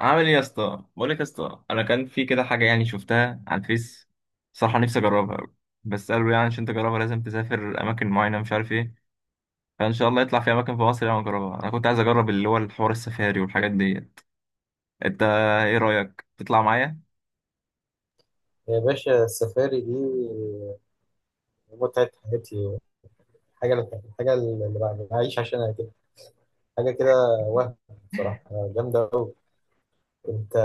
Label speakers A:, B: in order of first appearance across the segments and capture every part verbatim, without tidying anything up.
A: عامل ايه يا اسطى؟ بقول لك يا اسطى، انا كان في كده حاجه يعني شفتها على الفيس. صراحه نفسي اجربها أوي. بس قالوا يعني عشان تجربها لازم تسافر اماكن معينه، مش عارف ايه. فان شاء الله يطلع في اماكن في مصر يعني اجربها. انا كنت عايز اجرب اللي هو الحوار السفاري والحاجات ديت. انت، ايه رايك تطلع معايا؟
B: يا باشا، السفاري دي متعة حياتي. حاجة الحاجة اللي بع- بعيش عشانها كده، حاجة كده، وهم بصراحة، جامدة أوي. أنت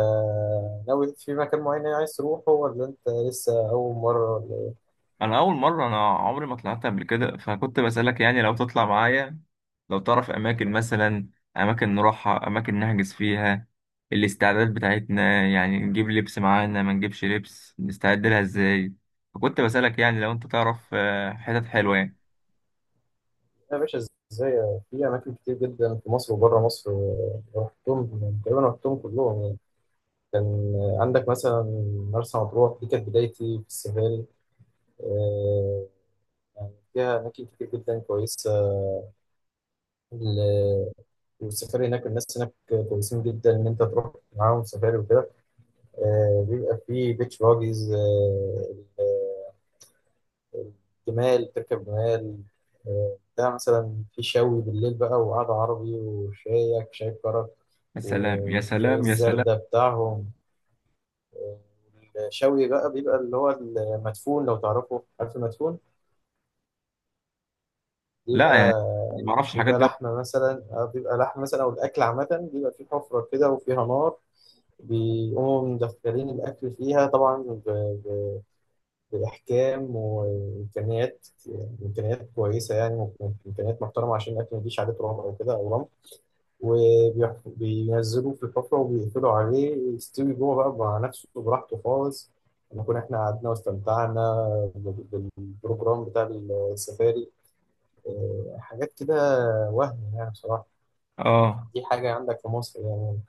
B: ناوي في مكان معين يعني عايز تروحه، ولا أنت لسه أول مرة، ولا إيه؟
A: انا اول مره، انا عمري ما طلعت قبل كده، فكنت بسالك يعني لو تطلع معايا، لو تعرف اماكن مثلا، اماكن نروحها، اماكن نحجز فيها. الاستعداد بتاعتنا يعني نجيب لبس معانا ما نجيبش لبس، نستعد لها ازاي؟ فكنت بسالك يعني لو انت تعرف آه، حتت حلوه يعني.
B: يا باشا، إزاي، في أماكن كتير جدا في مصر وبره مصر، رحتهم تقريبا، رحتهم كلهم يعني. كان عندك مثلا مرسى مطروح، دي كانت بدايتي في السفاري. آه، يعني فيها أماكن كتير جدا كويسة. ال- والسفاري هناك، الناس هناك كويسين جدا ان انت تروح معاهم سفاري وكده. آه، بيبقى فيه بيتش باجيز، جمال، تركب جمال. آه، بتاع مثلا، في شوي بالليل بقى، وقعدة عربي، وشايك شاي كرك.
A: يا سلام
B: و-
A: يا
B: والشاي
A: سلام يا سلام!
B: الزردة بتاعهم. آه، الشوي بقى بيبقى اللي هو المدفون، لو تعرفه، عارف المدفون؟
A: لا يعني،
B: بيبقى
A: ما اعرفش الحاجات
B: بيبقى
A: دي.
B: لحمة مثلا. آه، بيبقى لحمة مثلا، أو الأكل عامة، بيبقى فيه حفرة كده وفيها نار. بيقوموا مدخلين الأكل فيها طبعا، ب- ب- بإحكام وإمكانيات. إمكانيات كويسة يعني، إمكانيات محترمة، عشان الأكل ما يجيش عليه تراب أو كده أو رمل. وبينزلوه في الحفرة وبيقفلوا عليه، يستوي جوه بقى مع نفسه براحته خالص. نكون إحنا قعدنا واستمتعنا بال- بالبروجرام بتاع السفاري. آه، حاجات كده، وهم يعني بصراحة.
A: اه.
B: دي حاجة عندك في مصر يعني.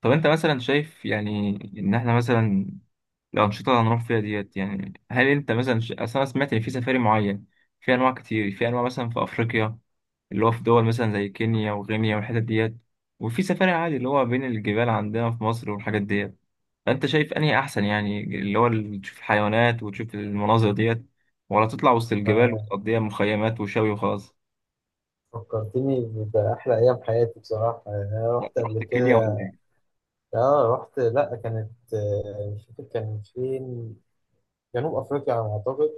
A: طب انت مثلا شايف يعني، ان احنا مثلا، الأنشطة اللي هنروح فيها ديت، يعني هل أنت مثلا ش- أصل أنا سمعت إن في سفاري معين. في أنواع كتير، في أنواع مثلا في أفريقيا، اللي هو في دول مثلا زي كينيا وغينيا والحتت ديت، وفي سفاري عادي اللي هو بين الجبال عندنا في مصر والحاجات ديت. فأنت شايف أنهي أحسن؟ يعني اللي هو ال- تشوف الحيوانات وتشوف المناظر ديت، ولا تطلع وسط الجبال وتقضيها مخيمات وشوي وخلاص؟
B: فكرتني بأحلى أيام حياتي، بصراحة. يعني أنا
A: لا،
B: رحت
A: أنت
B: قبل
A: رحت كينيا ولا
B: كده.
A: إيه؟
B: آه رحت، لأ كانت، آه، مش فاكر كان فين. جنوب أفريقيا على ما أعتقد.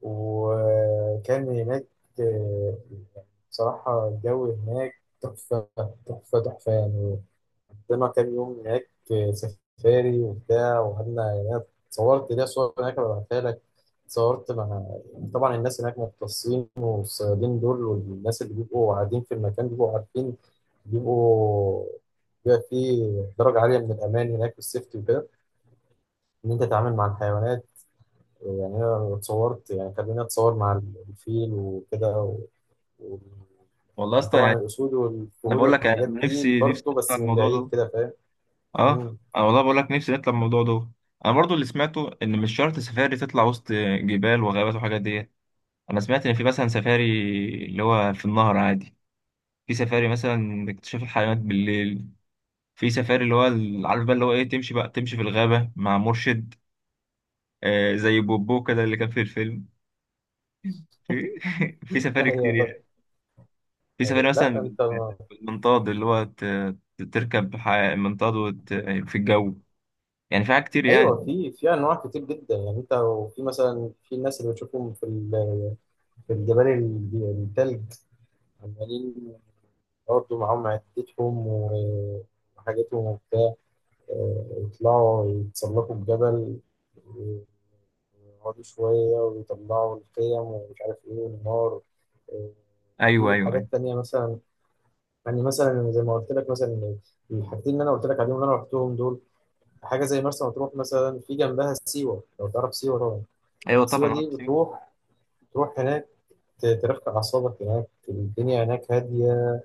B: وكان هناك، آه، يعني بصراحة الجو هناك تحفة، تحفة تحفة يعني. قضينا كام يوم هناك. آه، سفاري وبتاع، وقعدنا هناك. صورت ليا صور هناك، ببعتها لك. صورت مع، طبعا الناس هناك مختصين، والصيادين دول والناس اللي بيبقوا قاعدين في المكان بيبقوا عارفين. بيبقوا بيبقى فيه درجة عالية من الأمان هناك، والسيفتي وكده، إن أنت تتعامل مع الحيوانات. يعني أنا اتصورت، يعني خليني أتصور مع الفيل وكده، و- و-
A: والله أصلا
B: وطبعا
A: يعني،
B: الأسود
A: أنا
B: والفهود
A: بقول لك،
B: والحاجات
A: أنا
B: دي
A: نفسي نفسي
B: برضه،
A: أطلع
B: بس من
A: الموضوع
B: بعيد
A: ده.
B: كده.
A: اه،
B: فاهم؟
A: انا والله بقول لك نفسي نطلع الموضوع ده. انا برضو اللي سمعته ان مش شرط سفاري تطلع وسط جبال وغابات وحاجات دي. انا سمعت ان في مثلا سفاري اللي هو في النهر عادي، في سفاري مثلا اكتشاف الحيوانات بالليل، في سفاري اللي هو ال- عارف بقى اللي هو ايه، تمشي بقى تمشي في الغابة مع مرشد. آه، زي بوبو كده اللي كان في الفيلم. في في سفاري كتير
B: ايوه
A: يعني.
B: فاكر.
A: في سفاري
B: أيوة. لا
A: مثلا
B: انت.
A: بالمنطاد اللي هو ت- تركب ح- منطاد وت... في الجو. يعني في حاجات كتير يعني.
B: ايوه، في في انواع كتير جدا يعني. انت وفي مثلا، في الناس اللي بتشوفهم في ال- في الجبال، ال- التلج، عمالين برضه معاهم عدتهم و- وحاجتهم وبتاع. آه، يطلعوا يتسلقوا الجبل، ويقعدوا شوية ويطلعوا الخيم ومش عارف إيه، والنار. آه،
A: ايوه،
B: في
A: ايوه، ايوه.
B: حاجات تانية مثلا. يعني مثلا زي ما قلت لك مثلا، الحاجتين اللي أنا قلت لك عليهم، اللي أنا رحتهم دول. حاجه زي مرسى مطروح مثلا، في جنبها سيوه، لو تعرف سيوه طبعا.
A: ايوه
B: سيوه
A: طبعا
B: دي
A: عارف.
B: بتروح تروح هناك، ت- ترفع اعصابك هناك، الدنيا هناك هاديه.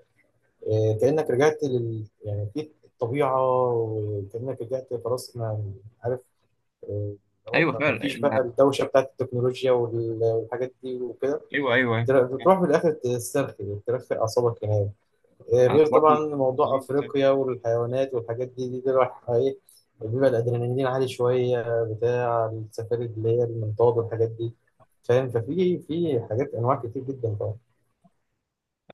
B: آه، كانك رجعت لل يعني في الطبيعه، وكانك رجعت خلاص ما عارف. آه، هو
A: ايوه
B: ما ما فيش
A: فعلا.
B: بقى الدوشه بتاعت التكنولوجيا وال- والحاجات دي وكده.
A: ايوه، ايوه، ايوه.
B: تر- بتروح في الاخر تسترخي، ترفع اعصابك هناك. آه،
A: انا
B: غير
A: برضه
B: طبعا موضوع افريقيا والحيوانات والحاجات دي، دي, دي راح ايه. بيبقى الادرينالين عالي شويه، بتاع السفاري اللي هي المنطاد والحاجات دي. فاهم؟ ففي في حاجات، انواع كتير جدا طبعا.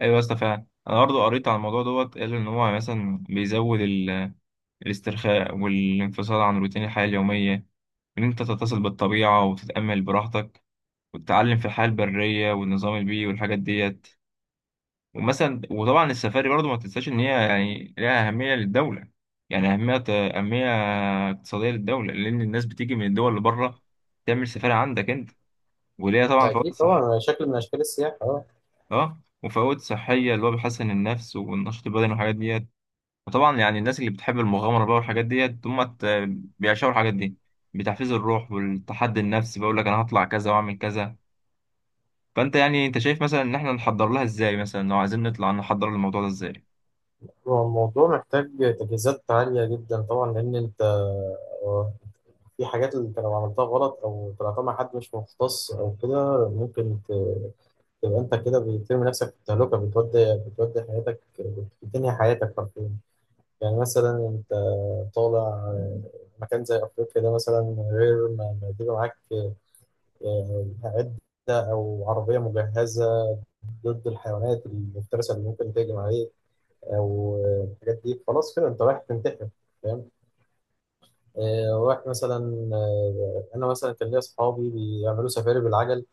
A: ايوه يا اسطى فعلا، انا برضه قريت عن الموضوع دوت، قال ان هو مثلا بيزود ال- الاسترخاء والانفصال عن روتين الحياه اليوميه، ان انت تتصل بالطبيعه وتتامل براحتك، وتتعلم في الحياه البريه والنظام البيئي والحاجات ديت. ومثلا وطبعا السفاري برضه ما تنساش ان هي يعني لها اهميه للدوله. يعني اهميه اهميه اقتصاديه للدوله، لان الناس بتيجي من الدول اللي بره تعمل سفاري عندك انت. وليها طبعا
B: ده
A: فوائد
B: اكيد
A: صحيه.
B: طبعا شكل من اشكال السياحه، اه.
A: اه، وفوائد صحية اللي هو بيحسن النفس والنشاط البدني والحاجات ديت. وطبعا يعني الناس اللي بتحب المغامرة بقى والحاجات ديت هم ت- بيعشقوا الحاجات دي، بتحفيز الروح والتحدي النفسي. بقول لك انا هطلع كذا واعمل كذا. فانت يعني انت شايف مثلا ان احنا نحضر لها ازاي؟ مثلا لو عايزين نطلع نحضر الموضوع ده ازاي؟
B: هو الموضوع محتاج تجهيزات عاليه جدا طبعا، لان انت، آه، في حاجات اللي انت لو عملتها غلط او طلعتها مع حد مش مختص او كده ممكن ت- تبقى انت كده بترمي نفسك في التهلكه، بتودي بتودي حياتك، بتنهي حياتك حرفيا. يعني مثلا انت طالع مكان زي افريقيا ده مثلا، غير ما ما يجيبوا معاك، آه، ده او عربيه مجهزه ضد الحيوانات المفترسه اللي ممكن تهجم عليك، او آه، الحاجات دي، خلاص كده انت رايح تنتحر. فاهم؟ آه، رايح مثلا. آه، انا مثلا كان ليا اصحابي بيعملوا سفاري بالعجل،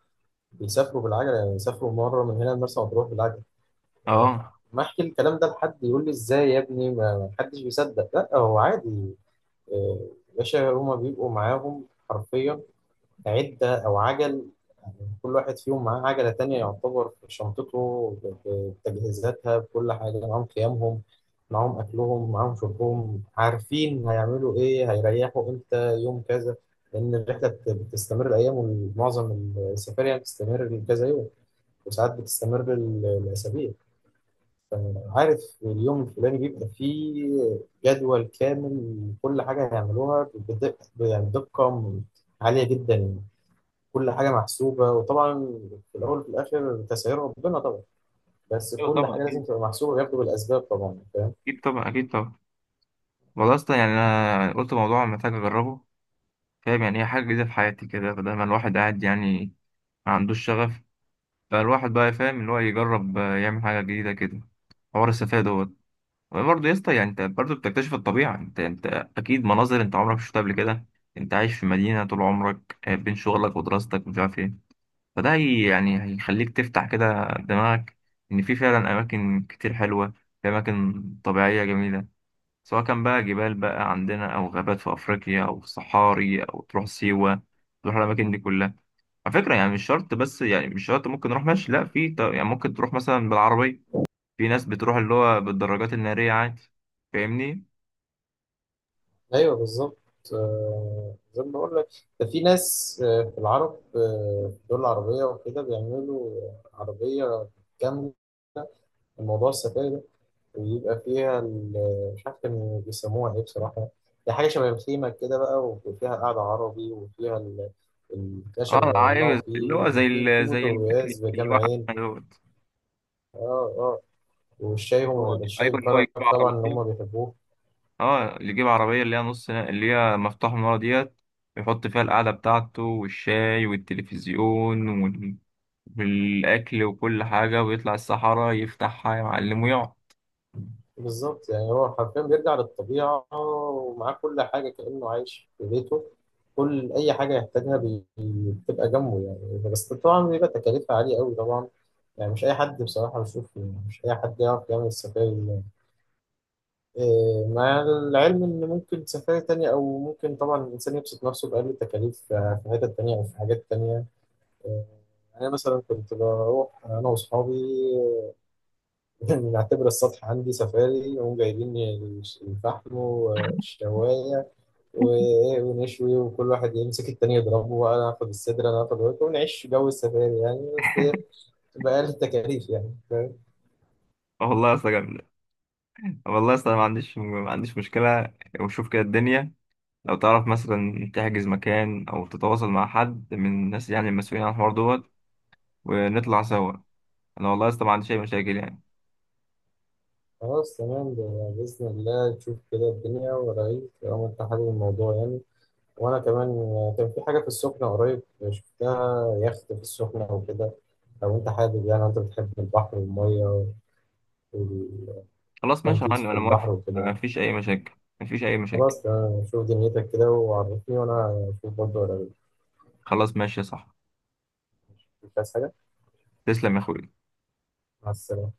B: بيسافروا بالعجل، يعني يسافروا مره من هنا لمرسى مطروح بالعجل. آه،
A: اه.
B: ما احكي الكلام ده لحد يقول لي ازاي يا ابني، ما ما حدش بيصدق، لا هو عادي. آه، باشا، هما بيبقوا معاهم حرفيا، عدة أو عجل. كل واحد فيهم معاه عجلة تانية، يعتبر في شنطته ب- بتجهيزاتها، بكل حاجة. معاهم خيامهم، معاهم أكلهم، معاهم شربهم. عارفين هيعملوا إيه، هيريحوا إمتى، يوم كذا، لأن الرحلة بت- بتستمر الأيام. ومعظم السفاري يعني بتستمر كذا يوم، وساعات بتستمر ال- الأسابيع. عارف اليوم الفلاني بيبقى فيه جدول كامل لكل حاجة هيعملوها، بدقة يعني، بدقة عالية جدا يعني. كل حاجة محسوبة. وطبعا في الأول وفي الآخر تسعير ربنا طبعا، بس
A: ايوه
B: كل
A: طبعا
B: حاجة لازم
A: اكيد،
B: تبقى محسوبة، وياخدوا بالأسباب طبعا. فاهم؟
A: اكيد طبعا، اكيد طبعا. والله اصلا يعني، انا قلت موضوع محتاج اجربه. فاهم، يعني هي حاجة جديدة في حياتي كده، فده ما الواحد قاعد يعني، ما عندوش شغف. فالواحد بقى فاهم اللي هو يجرب، آه، يعمل حاجة جديدة كده. حوار السفاهة دوت. برضه يا اسطى يعني، انت برضه بتكتشف الطبيعة، انت انت اكيد مناظر انت عمرك ما شفتها قبل كده. انت عايش في مدينة طول عمرك، آه، بين شغلك ودراستك ومش عارف ايه. فده هي يعني هيخليك تفتح كده دماغك، ان في فعلا اماكن كتير حلوة، في اماكن طبيعية جميلة، سواء كان بقى جبال بقى عندنا، او غابات في افريقيا، او صحاري، او تروح سيوة، تروح الاماكن دي كلها. على فكرة يعني مش شرط، بس يعني مش شرط ممكن نروح ماشي، لا في ط- يعني ممكن تروح مثلا بالعربية. في ناس بتروح اللي هو بالدراجات النارية عادي. فاهمني؟
B: أيوه بالظبط. آه، زي ما بقول لك، ده في ناس، آه، في العرب، آه، في الدول العربية وكده، بيعملوا عربية كاملة موضوع السفاري ده. ويبقى فيها ال- مش عارف كانوا بيسموها ايه بصراحة. هي حاجة شبه الخيمة كده بقى، وفيها قعدة عربي، وفيها ال- الخشب
A: اه،
B: اللي يولعوا
A: عايز اللي
B: فيه،
A: هو زي
B: وفي في
A: ال... زي
B: بوتاجاز
A: الميكانيك اللي
B: بكام
A: واقع
B: عين.
A: دوت.
B: اه اه، والشاي،
A: اللي هو،
B: هم الشاي
A: ايوه اللي هو
B: الكرك
A: يجيب
B: طبعا اللي
A: عربية.
B: هم بيحبوه.
A: اه، اللي يجيب عربية اللي هي نص، اللي هي مفتوح من ورا ديت، يحط فيها القعدة بتاعته والشاي والتلفزيون وال... والأكل وكل حاجة، ويطلع الصحراء يفتحها يا معلم ويقعد.
B: بالظبط، يعني هو حرفيا بيرجع للطبيعة ومعاه كل حاجة كأنه عايش في بيته. كل أي حاجة يحتاجها بي- بتبقى جنبه يعني، بس طبعا بيبقى تكاليفها عالية أوي طبعا. يعني مش أي حد، بصراحة بشوف مش أي حد يعرف يعمل السفاري اللي- إيه، مع العلم إن ممكن سفاري تانية، أو ممكن طبعا الإنسان يبسط نفسه بأقل التكاليف في حتت تانية أو في حاجات تانية. إيه، أنا مثلا كنت بروح أنا وأصحابي، نعتبر السطح عندي سفاري، نقوم جايبين الفحم والشواية و- ونشوي، وكل واحد يمسك التاني يضربه، وأنا آخد الصدر أنا آخد الورك، ونعيش جو السفاري يعني، بس بأقل التكاليف يعني. فاهم؟
A: اه، والله يا اسطى جامدة. والله يا اسطى، ما عنديش ما عنديش مشكلة. وشوف كده الدنيا، لو تعرف مثلا تحجز مكان او تتواصل مع حد من الناس، يعني المسؤولين عن الحوار دوت، ونطلع سوا. انا والله لسه ما عنديش اي مشاكل يعني.
B: خلاص تمام. ده بإذن الله تشوف كده الدنيا ورايك، طالما أنت حابب الموضوع يعني. وأنا كمان، كان في حاجة في السخنة قريب، شفتها يخت في السخنة أو كده، لو أنت حابب، يعني أنت بتحب البحر والمية
A: خلاص ماشي يا
B: والتنطيط
A: معلم،
B: في
A: انا
B: البحر
A: موافق، ما
B: وكده.
A: فيش اي مشاكل. ما فيش اي مشاكل.
B: خلاص تمام، شوف دنيتك كده وعرفني وأنا أشوف برضه، ولا
A: خلاص ماشي يا صاحبي.
B: مش عايز حاجة.
A: تسلم يا اخوي.
B: مع السلامة.